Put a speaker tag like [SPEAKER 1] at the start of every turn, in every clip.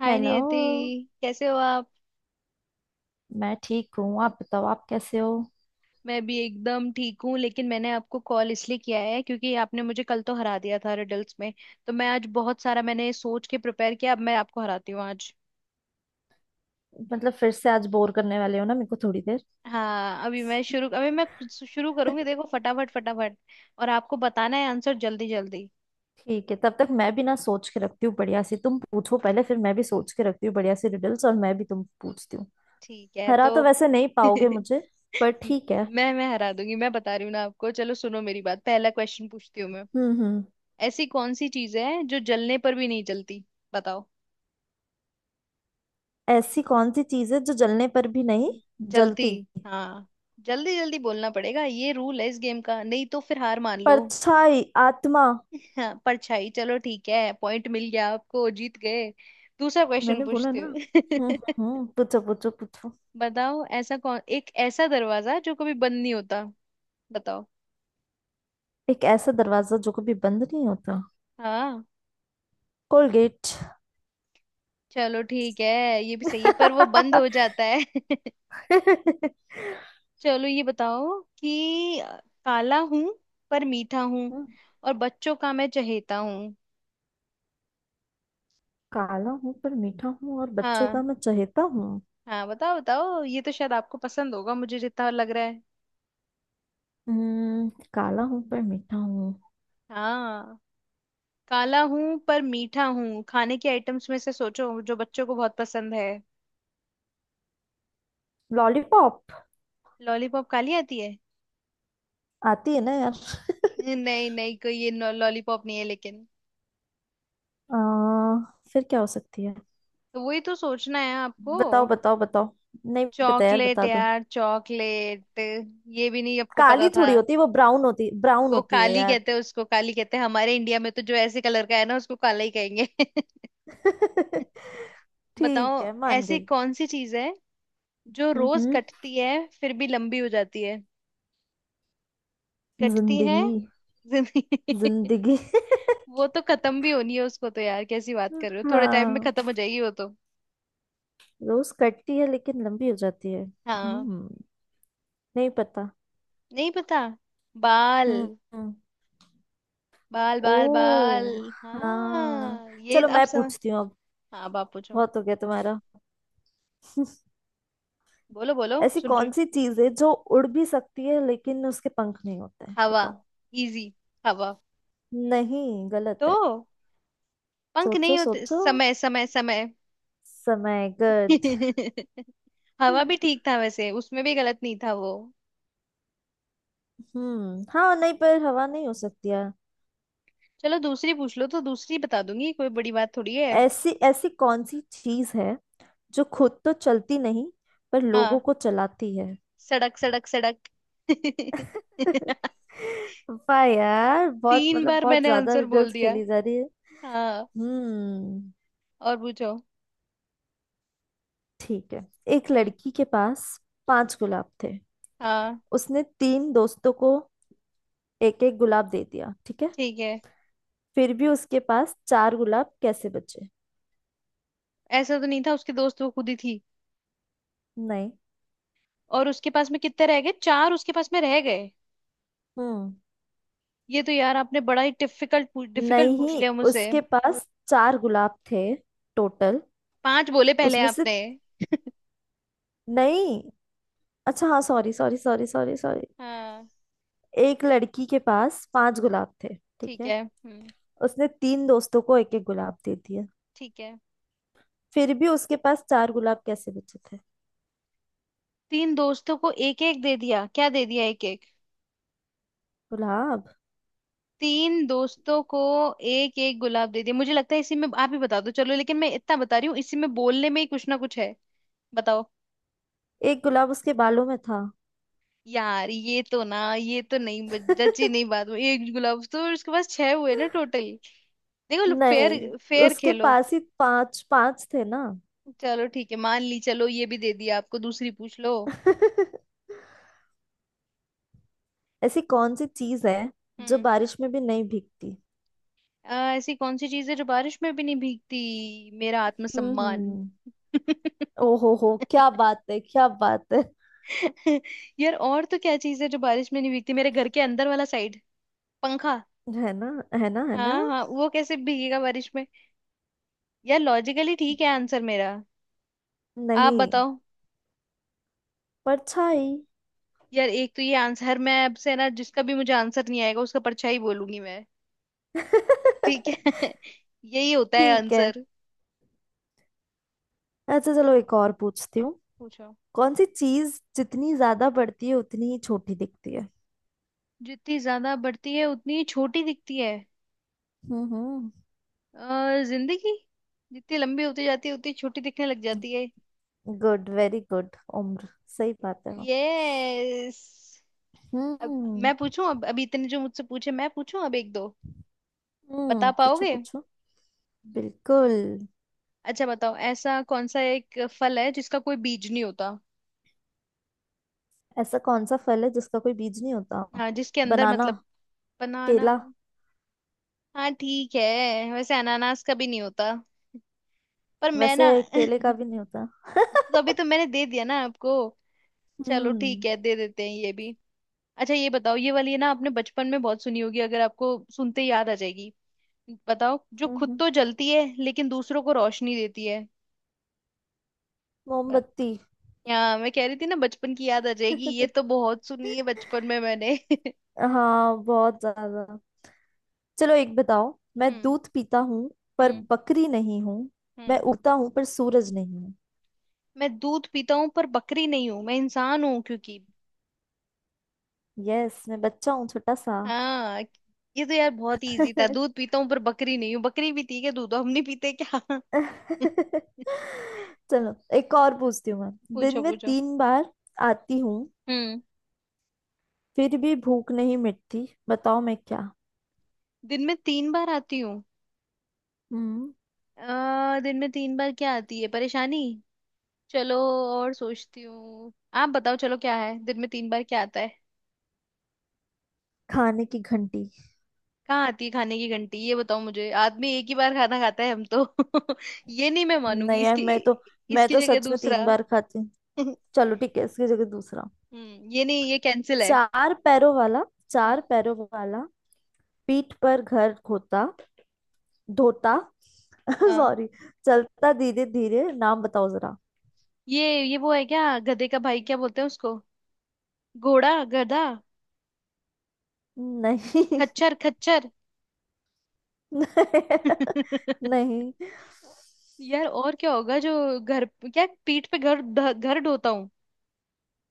[SPEAKER 1] हाय
[SPEAKER 2] hello.
[SPEAKER 1] Niyati. कैसे हो आप।
[SPEAKER 2] मैं ठीक हूँ, आप बताओ, आप कैसे हो?
[SPEAKER 1] मैं भी एकदम ठीक हूँ, लेकिन मैंने आपको कॉल इसलिए किया है क्योंकि आपने मुझे कल तो हरा दिया था रिडल्स में। तो मैं आज बहुत सारा मैंने सोच के प्रिपेयर किया, अब मैं आपको हराती हूँ आज।
[SPEAKER 2] मतलब फिर से आज बोर करने वाले हो ना, मेरे को थोड़ी देर।
[SPEAKER 1] हाँ, अभी मैं शुरू, अभी मैं कुछ शुरू करूंगी, देखो फटाफट फटाफट। और आपको बताना है आंसर जल्दी जल्दी।
[SPEAKER 2] ठीक है, तब तक मैं भी ना सोच के रखती हूँ बढ़िया सी, तुम पूछो पहले फिर मैं भी सोच के रखती हूँ बढ़िया सी रिडल्स और मैं भी तुम पूछती हूँ।
[SPEAKER 1] ठीक है
[SPEAKER 2] हरा
[SPEAKER 1] तो
[SPEAKER 2] तो वैसे नहीं पाओगे मुझे। पर ठीक है।
[SPEAKER 1] मैं हरा दूंगी, मैं बता रही हूँ ना आपको। चलो सुनो मेरी बात, पहला क्वेश्चन पूछती हूँ मैं।
[SPEAKER 2] हम्म।
[SPEAKER 1] ऐसी कौन सी चीज है जो जलने पर भी नहीं जलती। बताओ।
[SPEAKER 2] ऐसी कौन सी चीज है जो जलने पर भी नहीं
[SPEAKER 1] जल्दी।
[SPEAKER 2] जलती?
[SPEAKER 1] हाँ। जल्दी जल्दी बोलना पड़ेगा, ये रूल है इस गेम का, नहीं तो फिर हार मान लो।
[SPEAKER 2] परछाई, आत्मा।
[SPEAKER 1] हाँ, परछाई, चलो ठीक है, पॉइंट मिल गया आपको, जीत गए। दूसरा क्वेश्चन
[SPEAKER 2] मैंने बोला
[SPEAKER 1] पूछती
[SPEAKER 2] ना।
[SPEAKER 1] हूँ।
[SPEAKER 2] पूछो पूछो पूछो।
[SPEAKER 1] बताओ, ऐसा कौन एक ऐसा दरवाजा जो कभी बंद नहीं होता। बताओ।
[SPEAKER 2] एक ऐसा दरवाजा जो कभी बंद नहीं होता?
[SPEAKER 1] हाँ,
[SPEAKER 2] कोलगेट।
[SPEAKER 1] चलो ठीक है, ये भी सही है, पर वो बंद हो जाता है।
[SPEAKER 2] हम्म,
[SPEAKER 1] चलो ये बताओ कि काला हूं पर मीठा हूँ और बच्चों का मैं चहेता हूँ।
[SPEAKER 2] काला हूं पर मीठा हूँ और बच्चों का
[SPEAKER 1] हाँ।
[SPEAKER 2] मैं चहेता हूँ।
[SPEAKER 1] हाँ बताओ बताओ, ये तो शायद आपको पसंद होगा मुझे जितना लग रहा है।
[SPEAKER 2] काला हूं पर मीठा हूँ।
[SPEAKER 1] हाँ। काला हूँ पर मीठा हूँ, खाने के आइटम्स में से सोचो जो बच्चों को बहुत पसंद है।
[SPEAKER 2] लॉलीपॉप।
[SPEAKER 1] लॉलीपॉप काली आती है?
[SPEAKER 2] आती है ना यार।
[SPEAKER 1] नहीं नहीं कोई, ये लॉलीपॉप नहीं है लेकिन।
[SPEAKER 2] आ, फिर क्या हो सकती है?
[SPEAKER 1] तो वही तो सोचना है आपको।
[SPEAKER 2] बताओ बताओ बताओ। नहीं पता यार,
[SPEAKER 1] चॉकलेट
[SPEAKER 2] बता दो।
[SPEAKER 1] यार, चॉकलेट। ये भी नहीं आपको पता
[SPEAKER 2] काली
[SPEAKER 1] था।
[SPEAKER 2] थोड़ी होती है वो, ब्राउन
[SPEAKER 1] वो
[SPEAKER 2] होती है
[SPEAKER 1] काली
[SPEAKER 2] यार।
[SPEAKER 1] कहते हैं, उसको काली कहते हैं हमारे इंडिया में, तो जो ऐसे कलर का है ना उसको काला ही कहेंगे। बताओ,
[SPEAKER 2] ठीक है, मान
[SPEAKER 1] ऐसी
[SPEAKER 2] गई।
[SPEAKER 1] कौन सी चीज है जो रोज
[SPEAKER 2] हम्म।
[SPEAKER 1] कटती है फिर भी लंबी हो जाती है। कटती है।
[SPEAKER 2] जिंदगी,
[SPEAKER 1] जिंदगी?
[SPEAKER 2] जिंदगी।
[SPEAKER 1] वो तो खत्म भी होनी है उसको तो, यार कैसी बात कर रहे हो, थोड़े टाइम में
[SPEAKER 2] हाँ।
[SPEAKER 1] खत्म हो जाएगी वो तो।
[SPEAKER 2] रोज कटती है लेकिन लंबी हो जाती है।
[SPEAKER 1] हाँ।
[SPEAKER 2] नहीं पता।
[SPEAKER 1] नहीं पता। बाल
[SPEAKER 2] हम्म।
[SPEAKER 1] बाल बाल बाल।
[SPEAKER 2] ओ हाँ।
[SPEAKER 1] हाँ ये
[SPEAKER 2] चलो
[SPEAKER 1] आप
[SPEAKER 2] मैं
[SPEAKER 1] समझ।
[SPEAKER 2] पूछती हूँ अब।
[SPEAKER 1] हाँ बाप पूछो।
[SPEAKER 2] बहुत हो गया तुम्हारा।
[SPEAKER 1] बोलो बोलो,
[SPEAKER 2] ऐसी
[SPEAKER 1] सुन रही
[SPEAKER 2] कौन
[SPEAKER 1] हूँ।
[SPEAKER 2] सी चीज है जो उड़ भी सकती है लेकिन उसके पंख नहीं होते हैं?
[SPEAKER 1] हवा।
[SPEAKER 2] बताओ।
[SPEAKER 1] इजी। हवा।
[SPEAKER 2] नहीं, गलत है।
[SPEAKER 1] तो पंख
[SPEAKER 2] सोचो
[SPEAKER 1] नहीं होते,
[SPEAKER 2] सोचो।
[SPEAKER 1] समय समय समय।
[SPEAKER 2] समय। गुड।
[SPEAKER 1] हवा भी ठीक था वैसे, उसमें भी गलत नहीं था वो।
[SPEAKER 2] हम्म, हाँ। नहीं, पर हवा नहीं हो सकती यार।
[SPEAKER 1] चलो दूसरी पूछ लो, तो दूसरी बता दूंगी, कोई बड़ी बात थोड़ी है।
[SPEAKER 2] ऐसी ऐसी कौन सी चीज है जो खुद तो चलती नहीं पर लोगों
[SPEAKER 1] हाँ।
[SPEAKER 2] को चलाती है?
[SPEAKER 1] सड़क सड़क सड़क।
[SPEAKER 2] वाह यार, बहुत
[SPEAKER 1] तीन
[SPEAKER 2] मतलब
[SPEAKER 1] बार
[SPEAKER 2] बहुत
[SPEAKER 1] मैंने
[SPEAKER 2] ज्यादा
[SPEAKER 1] आंसर बोल
[SPEAKER 2] रिडल्स
[SPEAKER 1] दिया।
[SPEAKER 2] खेली जा रही है।
[SPEAKER 1] हाँ।
[SPEAKER 2] हम्म,
[SPEAKER 1] और पूछो।
[SPEAKER 2] ठीक है। एक
[SPEAKER 1] हम्म।
[SPEAKER 2] लड़की के पास पांच गुलाब थे।
[SPEAKER 1] हाँ
[SPEAKER 2] उसने तीन दोस्तों को एक एक गुलाब दे दिया, ठीक है?
[SPEAKER 1] ठीक है।
[SPEAKER 2] फिर भी उसके पास चार गुलाब कैसे बचे?
[SPEAKER 1] ऐसा तो नहीं था, उसके दोस्त वो खुद ही थी।
[SPEAKER 2] नहीं।
[SPEAKER 1] और उसके पास में कितने रह गए, चार उसके पास में रह गए।
[SPEAKER 2] हम्म।
[SPEAKER 1] ये तो यार आपने बड़ा ही डिफिकल्ट डिफिकल्ट पूछ
[SPEAKER 2] नहीं,
[SPEAKER 1] लिया मुझसे।
[SPEAKER 2] उसके पास चार गुलाब थे टोटल,
[SPEAKER 1] पांच बोले पहले
[SPEAKER 2] उसमें से
[SPEAKER 1] आपने।
[SPEAKER 2] नहीं। अच्छा, हाँ, sorry sorry sorry sorry sorry.
[SPEAKER 1] हाँ।
[SPEAKER 2] एक लड़की के पास पांच गुलाब थे, ठीक
[SPEAKER 1] ठीक
[SPEAKER 2] है?
[SPEAKER 1] है। हम्म,
[SPEAKER 2] उसने तीन दोस्तों को एक एक गुलाब दे दिया।
[SPEAKER 1] ठीक है।
[SPEAKER 2] फिर भी उसके पास चार गुलाब कैसे बचे थे?
[SPEAKER 1] तीन दोस्तों को एक एक दे दिया, क्या दे दिया, एक।
[SPEAKER 2] गुलाब।
[SPEAKER 1] तीन दोस्तों को एक एक गुलाब दे दिया, मुझे लगता है इसी में, आप ही बता दो चलो, लेकिन मैं इतना बता रही हूँ इसी में बोलने में ही कुछ ना कुछ है। बताओ।
[SPEAKER 2] एक गुलाब उसके बालों में था।
[SPEAKER 1] यार ये तो ना, ये तो नहीं जची ही नहीं बात हुई। एक गुलाब तो उसके पास छह हुए ना टोटल। देखो, फेयर।
[SPEAKER 2] नहीं,
[SPEAKER 1] फेयर
[SPEAKER 2] उसके
[SPEAKER 1] खेलो।
[SPEAKER 2] पास ही पांच पांच थे ना।
[SPEAKER 1] चलो ठीक है, मान ली, चलो ये भी दे दिया आपको, दूसरी पूछ लो।
[SPEAKER 2] ऐसी कौन सी चीज है जो
[SPEAKER 1] हम्म।
[SPEAKER 2] बारिश में भी नहीं भीगती?
[SPEAKER 1] ऐसी कौन सी चीज है जो बारिश में भी नहीं भीगती। मेरा आत्मसम्मान।
[SPEAKER 2] हम्म। ओ हो, क्या बात है, क्या बात है!
[SPEAKER 1] यार और तो क्या चीज है जो बारिश में नहीं भीगती, मेरे घर के अंदर वाला साइड, पंखा।
[SPEAKER 2] है ना, है ना, है ना।
[SPEAKER 1] हाँ हाँ, वो कैसे भीगेगा बारिश में। यार लॉजिकली ठीक है आंसर मेरा। आप
[SPEAKER 2] नहीं।
[SPEAKER 1] बताओ।
[SPEAKER 2] परछाई।
[SPEAKER 1] यार एक तो ये आंसर मैं अब से ना, जिसका भी मुझे आंसर नहीं आएगा उसका परछाई बोलूंगी मैं। ठीक है।
[SPEAKER 2] ठीक।
[SPEAKER 1] यही होता है
[SPEAKER 2] है
[SPEAKER 1] आंसर।
[SPEAKER 2] अच्छा चलो, एक और पूछती हूँ।
[SPEAKER 1] पूछो।
[SPEAKER 2] कौन सी चीज जितनी ज्यादा बढ़ती है उतनी ही छोटी दिखती है?
[SPEAKER 1] जितनी ज्यादा बढ़ती है उतनी छोटी दिखती है।
[SPEAKER 2] हम्म।
[SPEAKER 1] जिंदगी, जितनी लंबी होती जाती है उतनी छोटी दिखने लग जाती है।
[SPEAKER 2] Good, very good. उम्र। सही बात है वो।
[SPEAKER 1] यस। अब
[SPEAKER 2] हम्म।
[SPEAKER 1] मैं पूछूं, अब अभी इतने जो मुझसे पूछे, मैं पूछूं अब एक दो। बता
[SPEAKER 2] हम्म, पूछो
[SPEAKER 1] पाओगे?
[SPEAKER 2] पूछो। बिल्कुल।
[SPEAKER 1] अच्छा बताओ, ऐसा कौन सा एक फल है जिसका कोई बीज नहीं होता।
[SPEAKER 2] ऐसा कौन सा फल है जिसका कोई बीज नहीं होता?
[SPEAKER 1] हाँ, जिसके अंदर
[SPEAKER 2] बनाना।
[SPEAKER 1] मतलब। बनाना।
[SPEAKER 2] केला।
[SPEAKER 1] हाँ ठीक है, वैसे अनानास का भी नहीं होता, पर मैं
[SPEAKER 2] वैसे
[SPEAKER 1] ना
[SPEAKER 2] केले का भी नहीं होता।
[SPEAKER 1] तो अभी तो मैंने दे दिया ना आपको, चलो
[SPEAKER 2] हम्म
[SPEAKER 1] ठीक है, दे देते हैं ये भी। अच्छा ये बताओ, ये वाली है ना आपने बचपन में बहुत सुनी होगी, अगर आपको सुनते ही याद आ जाएगी। बताओ, जो
[SPEAKER 2] हम्म,
[SPEAKER 1] खुद
[SPEAKER 2] हम्म।
[SPEAKER 1] तो जलती है लेकिन दूसरों को रोशनी देती है। बात।
[SPEAKER 2] मोमबत्ती।
[SPEAKER 1] यहाँ मैं कह रही थी ना बचपन की याद आ जाएगी, ये तो बहुत सुनी है बचपन में मैंने।
[SPEAKER 2] हाँ, बहुत ज्यादा। चलो एक बताओ। मैं
[SPEAKER 1] हम्म
[SPEAKER 2] दूध पीता हूँ पर
[SPEAKER 1] हम्म
[SPEAKER 2] बकरी नहीं हूँ। मैं
[SPEAKER 1] हम्म।
[SPEAKER 2] उगता हूँ पर सूरज नहीं हूँ।
[SPEAKER 1] मैं दूध पीता हूँ पर बकरी नहीं हूँ, मैं इंसान हूँ क्योंकि।
[SPEAKER 2] यस, मैं बच्चा हूँ छोटा सा।
[SPEAKER 1] हाँ। ये तो यार बहुत ही इजी था, दूध पीता हूँ पर बकरी नहीं हूँ, बकरी भी थी क्या, दूध तो हम नहीं पीते क्या।
[SPEAKER 2] चलो एक और पूछती हूँ मैं। दिन
[SPEAKER 1] पूछो
[SPEAKER 2] में
[SPEAKER 1] पूछो।
[SPEAKER 2] 3 बार आती हूँ
[SPEAKER 1] हम्म।
[SPEAKER 2] फिर भी भूख नहीं मिटती, बताओ मैं क्या?
[SPEAKER 1] दिन में तीन बार आती हूँ।
[SPEAKER 2] हम्म।
[SPEAKER 1] दिन में तीन बार क्या आती है, परेशानी। चलो, और सोचती हूँ। आप बताओ चलो, क्या है दिन में तीन बार क्या आता है।
[SPEAKER 2] खाने की घंटी।
[SPEAKER 1] कहाँ आती है खाने की घंटी, ये बताओ मुझे, आदमी एक ही बार खाना खाता है, हम तो ये नहीं मैं मानूंगी
[SPEAKER 2] नहीं यार,
[SPEAKER 1] इसकी।
[SPEAKER 2] मैं तो मैं
[SPEAKER 1] इसकी
[SPEAKER 2] तो
[SPEAKER 1] जगह
[SPEAKER 2] सच में तीन
[SPEAKER 1] दूसरा।
[SPEAKER 2] बार खाती हूँ। चलो ठीक है, इसकी जगह दूसरा।
[SPEAKER 1] हम्म, ये नहीं, ये कैंसिल है।
[SPEAKER 2] चार पैरों वाला,
[SPEAKER 1] हम्म।
[SPEAKER 2] चार पैरों वाला, पीठ पर घर खोता धोता।
[SPEAKER 1] हाँ।
[SPEAKER 2] सॉरी।
[SPEAKER 1] हम्म।
[SPEAKER 2] चलता धीरे धीरे, नाम बताओ जरा।
[SPEAKER 1] ये वो है क्या, गधे का भाई क्या बोलते हैं उसको। घोड़ा, गधा।
[SPEAKER 2] नहीं।
[SPEAKER 1] खच्चर खच्चर।
[SPEAKER 2] नहीं।
[SPEAKER 1] यार और क्या होगा जो घर, क्या पीठ पे घर घर ढोता हूँ।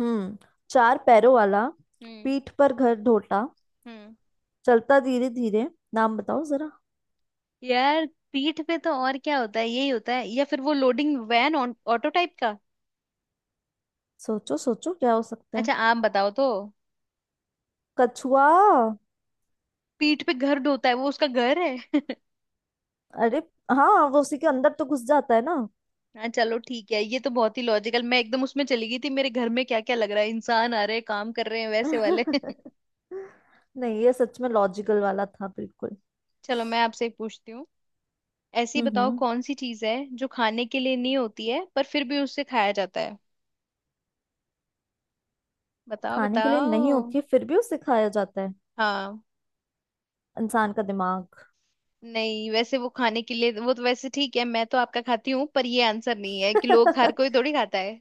[SPEAKER 2] हम्म। चार पैरों वाला,
[SPEAKER 1] हम्म।
[SPEAKER 2] पीठ पर घर ढोता,
[SPEAKER 1] हम्म।
[SPEAKER 2] चलता धीरे धीरे, नाम बताओ जरा।
[SPEAKER 1] यार पीठ पे तो और क्या होता है, यही होता है, या फिर वो लोडिंग वैन ऑटो टाइप का।
[SPEAKER 2] सोचो सोचो, क्या हो सकता है?
[SPEAKER 1] अच्छा आप बताओ तो।
[SPEAKER 2] कछुआ।
[SPEAKER 1] पीठ पे घर ढोता है, वो उसका घर है।
[SPEAKER 2] अरे हाँ, वो उसी के अंदर तो घुस जाता है ना।
[SPEAKER 1] हाँ चलो ठीक है, ये तो बहुत ही लॉजिकल, मैं एकदम उसमें चली गई थी, मेरे घर में क्या क्या लग रहा है, इंसान आ रहे हैं काम कर रहे हैं वैसे वाले।
[SPEAKER 2] नहीं, ये सच में लॉजिकल वाला था बिल्कुल।
[SPEAKER 1] चलो मैं आपसे एक पूछती हूँ। ऐसी बताओ
[SPEAKER 2] हम्म।
[SPEAKER 1] कौन सी चीज है जो खाने के लिए नहीं होती है पर फिर भी उससे खाया जाता है। बताओ
[SPEAKER 2] खाने के लिए नहीं
[SPEAKER 1] बताओ।
[SPEAKER 2] होती है फिर भी उसे खाया जाता है।
[SPEAKER 1] हाँ।
[SPEAKER 2] इंसान का दिमाग।
[SPEAKER 1] नहीं, वैसे वो खाने के लिए, वो तो वैसे ठीक है, मैं तो आपका खाती हूँ, पर ये आंसर नहीं है कि लोग, हर कोई थोड़ी खाता है।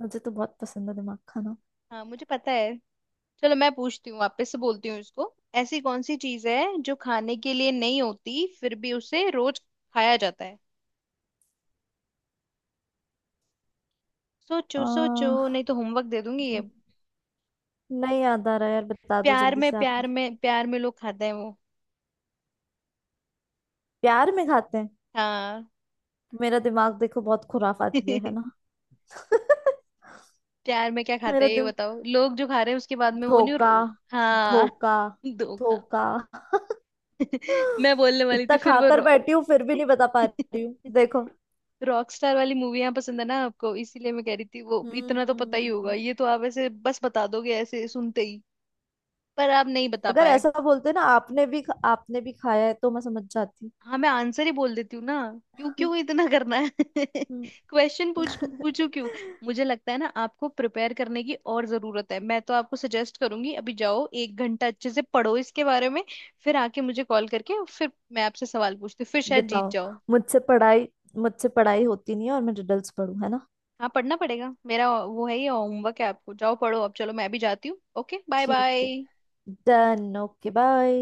[SPEAKER 2] मुझे तो बहुत पसंद है दिमाग खाना।
[SPEAKER 1] हाँ मुझे पता है। चलो मैं पूछती हूँ, आप पे से बोलती हूँ इसको। ऐसी कौन सी चीज है जो खाने के लिए नहीं होती फिर भी उसे रोज खाया जाता है। सोचो सोचो,
[SPEAKER 2] आ,
[SPEAKER 1] नहीं तो होमवर्क दे दूंगी ये।
[SPEAKER 2] नहीं याद आ रहा यार, बता दो
[SPEAKER 1] प्यार
[SPEAKER 2] जल्दी
[SPEAKER 1] में,
[SPEAKER 2] से आप
[SPEAKER 1] प्यार
[SPEAKER 2] ही।
[SPEAKER 1] में, प्यार में लोग खाते हैं वो।
[SPEAKER 2] प्यार में खाते हैं।
[SPEAKER 1] हाँ।
[SPEAKER 2] मेरा दिमाग देखो, बहुत खुराफ आती है ना।
[SPEAKER 1] प्यार में क्या खाते
[SPEAKER 2] मेरा
[SPEAKER 1] हैं ये
[SPEAKER 2] दिम
[SPEAKER 1] बताओ, लोग जो खा रहे हैं उसके बाद में, वो नहीं
[SPEAKER 2] धोखा,
[SPEAKER 1] और-। हाँ।
[SPEAKER 2] धोखा,
[SPEAKER 1] धोखा।
[SPEAKER 2] धोखा।
[SPEAKER 1] मैं बोलने वाली थी
[SPEAKER 2] इतना
[SPEAKER 1] फिर वो
[SPEAKER 2] खाकर बैठी हूँ फिर भी नहीं बता पा रही हूँ, देखो।
[SPEAKER 1] रॉक स्टार वाली मूवियां पसंद है ना आपको, इसीलिए मैं कह रही थी, वो इतना तो पता ही होगा,
[SPEAKER 2] हम्म।
[SPEAKER 1] ये तो आप ऐसे बस बता दोगे ऐसे सुनते ही। पर आप नहीं बता
[SPEAKER 2] अगर
[SPEAKER 1] पाए।
[SPEAKER 2] ऐसा बोलते ना, आपने भी आपने भी खाया है तो मैं समझ जाती।
[SPEAKER 1] हाँ मैं आंसर ही बोल देती हूँ ना, क्यों क्यों इतना करना है
[SPEAKER 2] हम्म।
[SPEAKER 1] क्वेश्चन पूछ पूछू क्यों। मुझे लगता है ना आपको प्रिपेयर करने की और जरूरत है, मैं तो आपको सजेस्ट करूंगी अभी जाओ 1 घंटा अच्छे से पढ़ो इसके बारे में, फिर आके मुझे कॉल करके और फिर मैं आपसे सवाल पूछती हूँ, फिर शायद जीत
[SPEAKER 2] बताओ।
[SPEAKER 1] जाओ।
[SPEAKER 2] मुझसे पढ़ाई मुझसे पढ़ाई होती नहीं है और मैं रिडल्स पढ़ू, है ना।
[SPEAKER 1] हाँ पढ़ना पड़ेगा, मेरा वो है, ये होमवर्क है आपको, जाओ पढ़ो अब, चलो मैं भी जाती हूँ, ओके बाय
[SPEAKER 2] ठीक है।
[SPEAKER 1] बाय।
[SPEAKER 2] डन। Okay bye.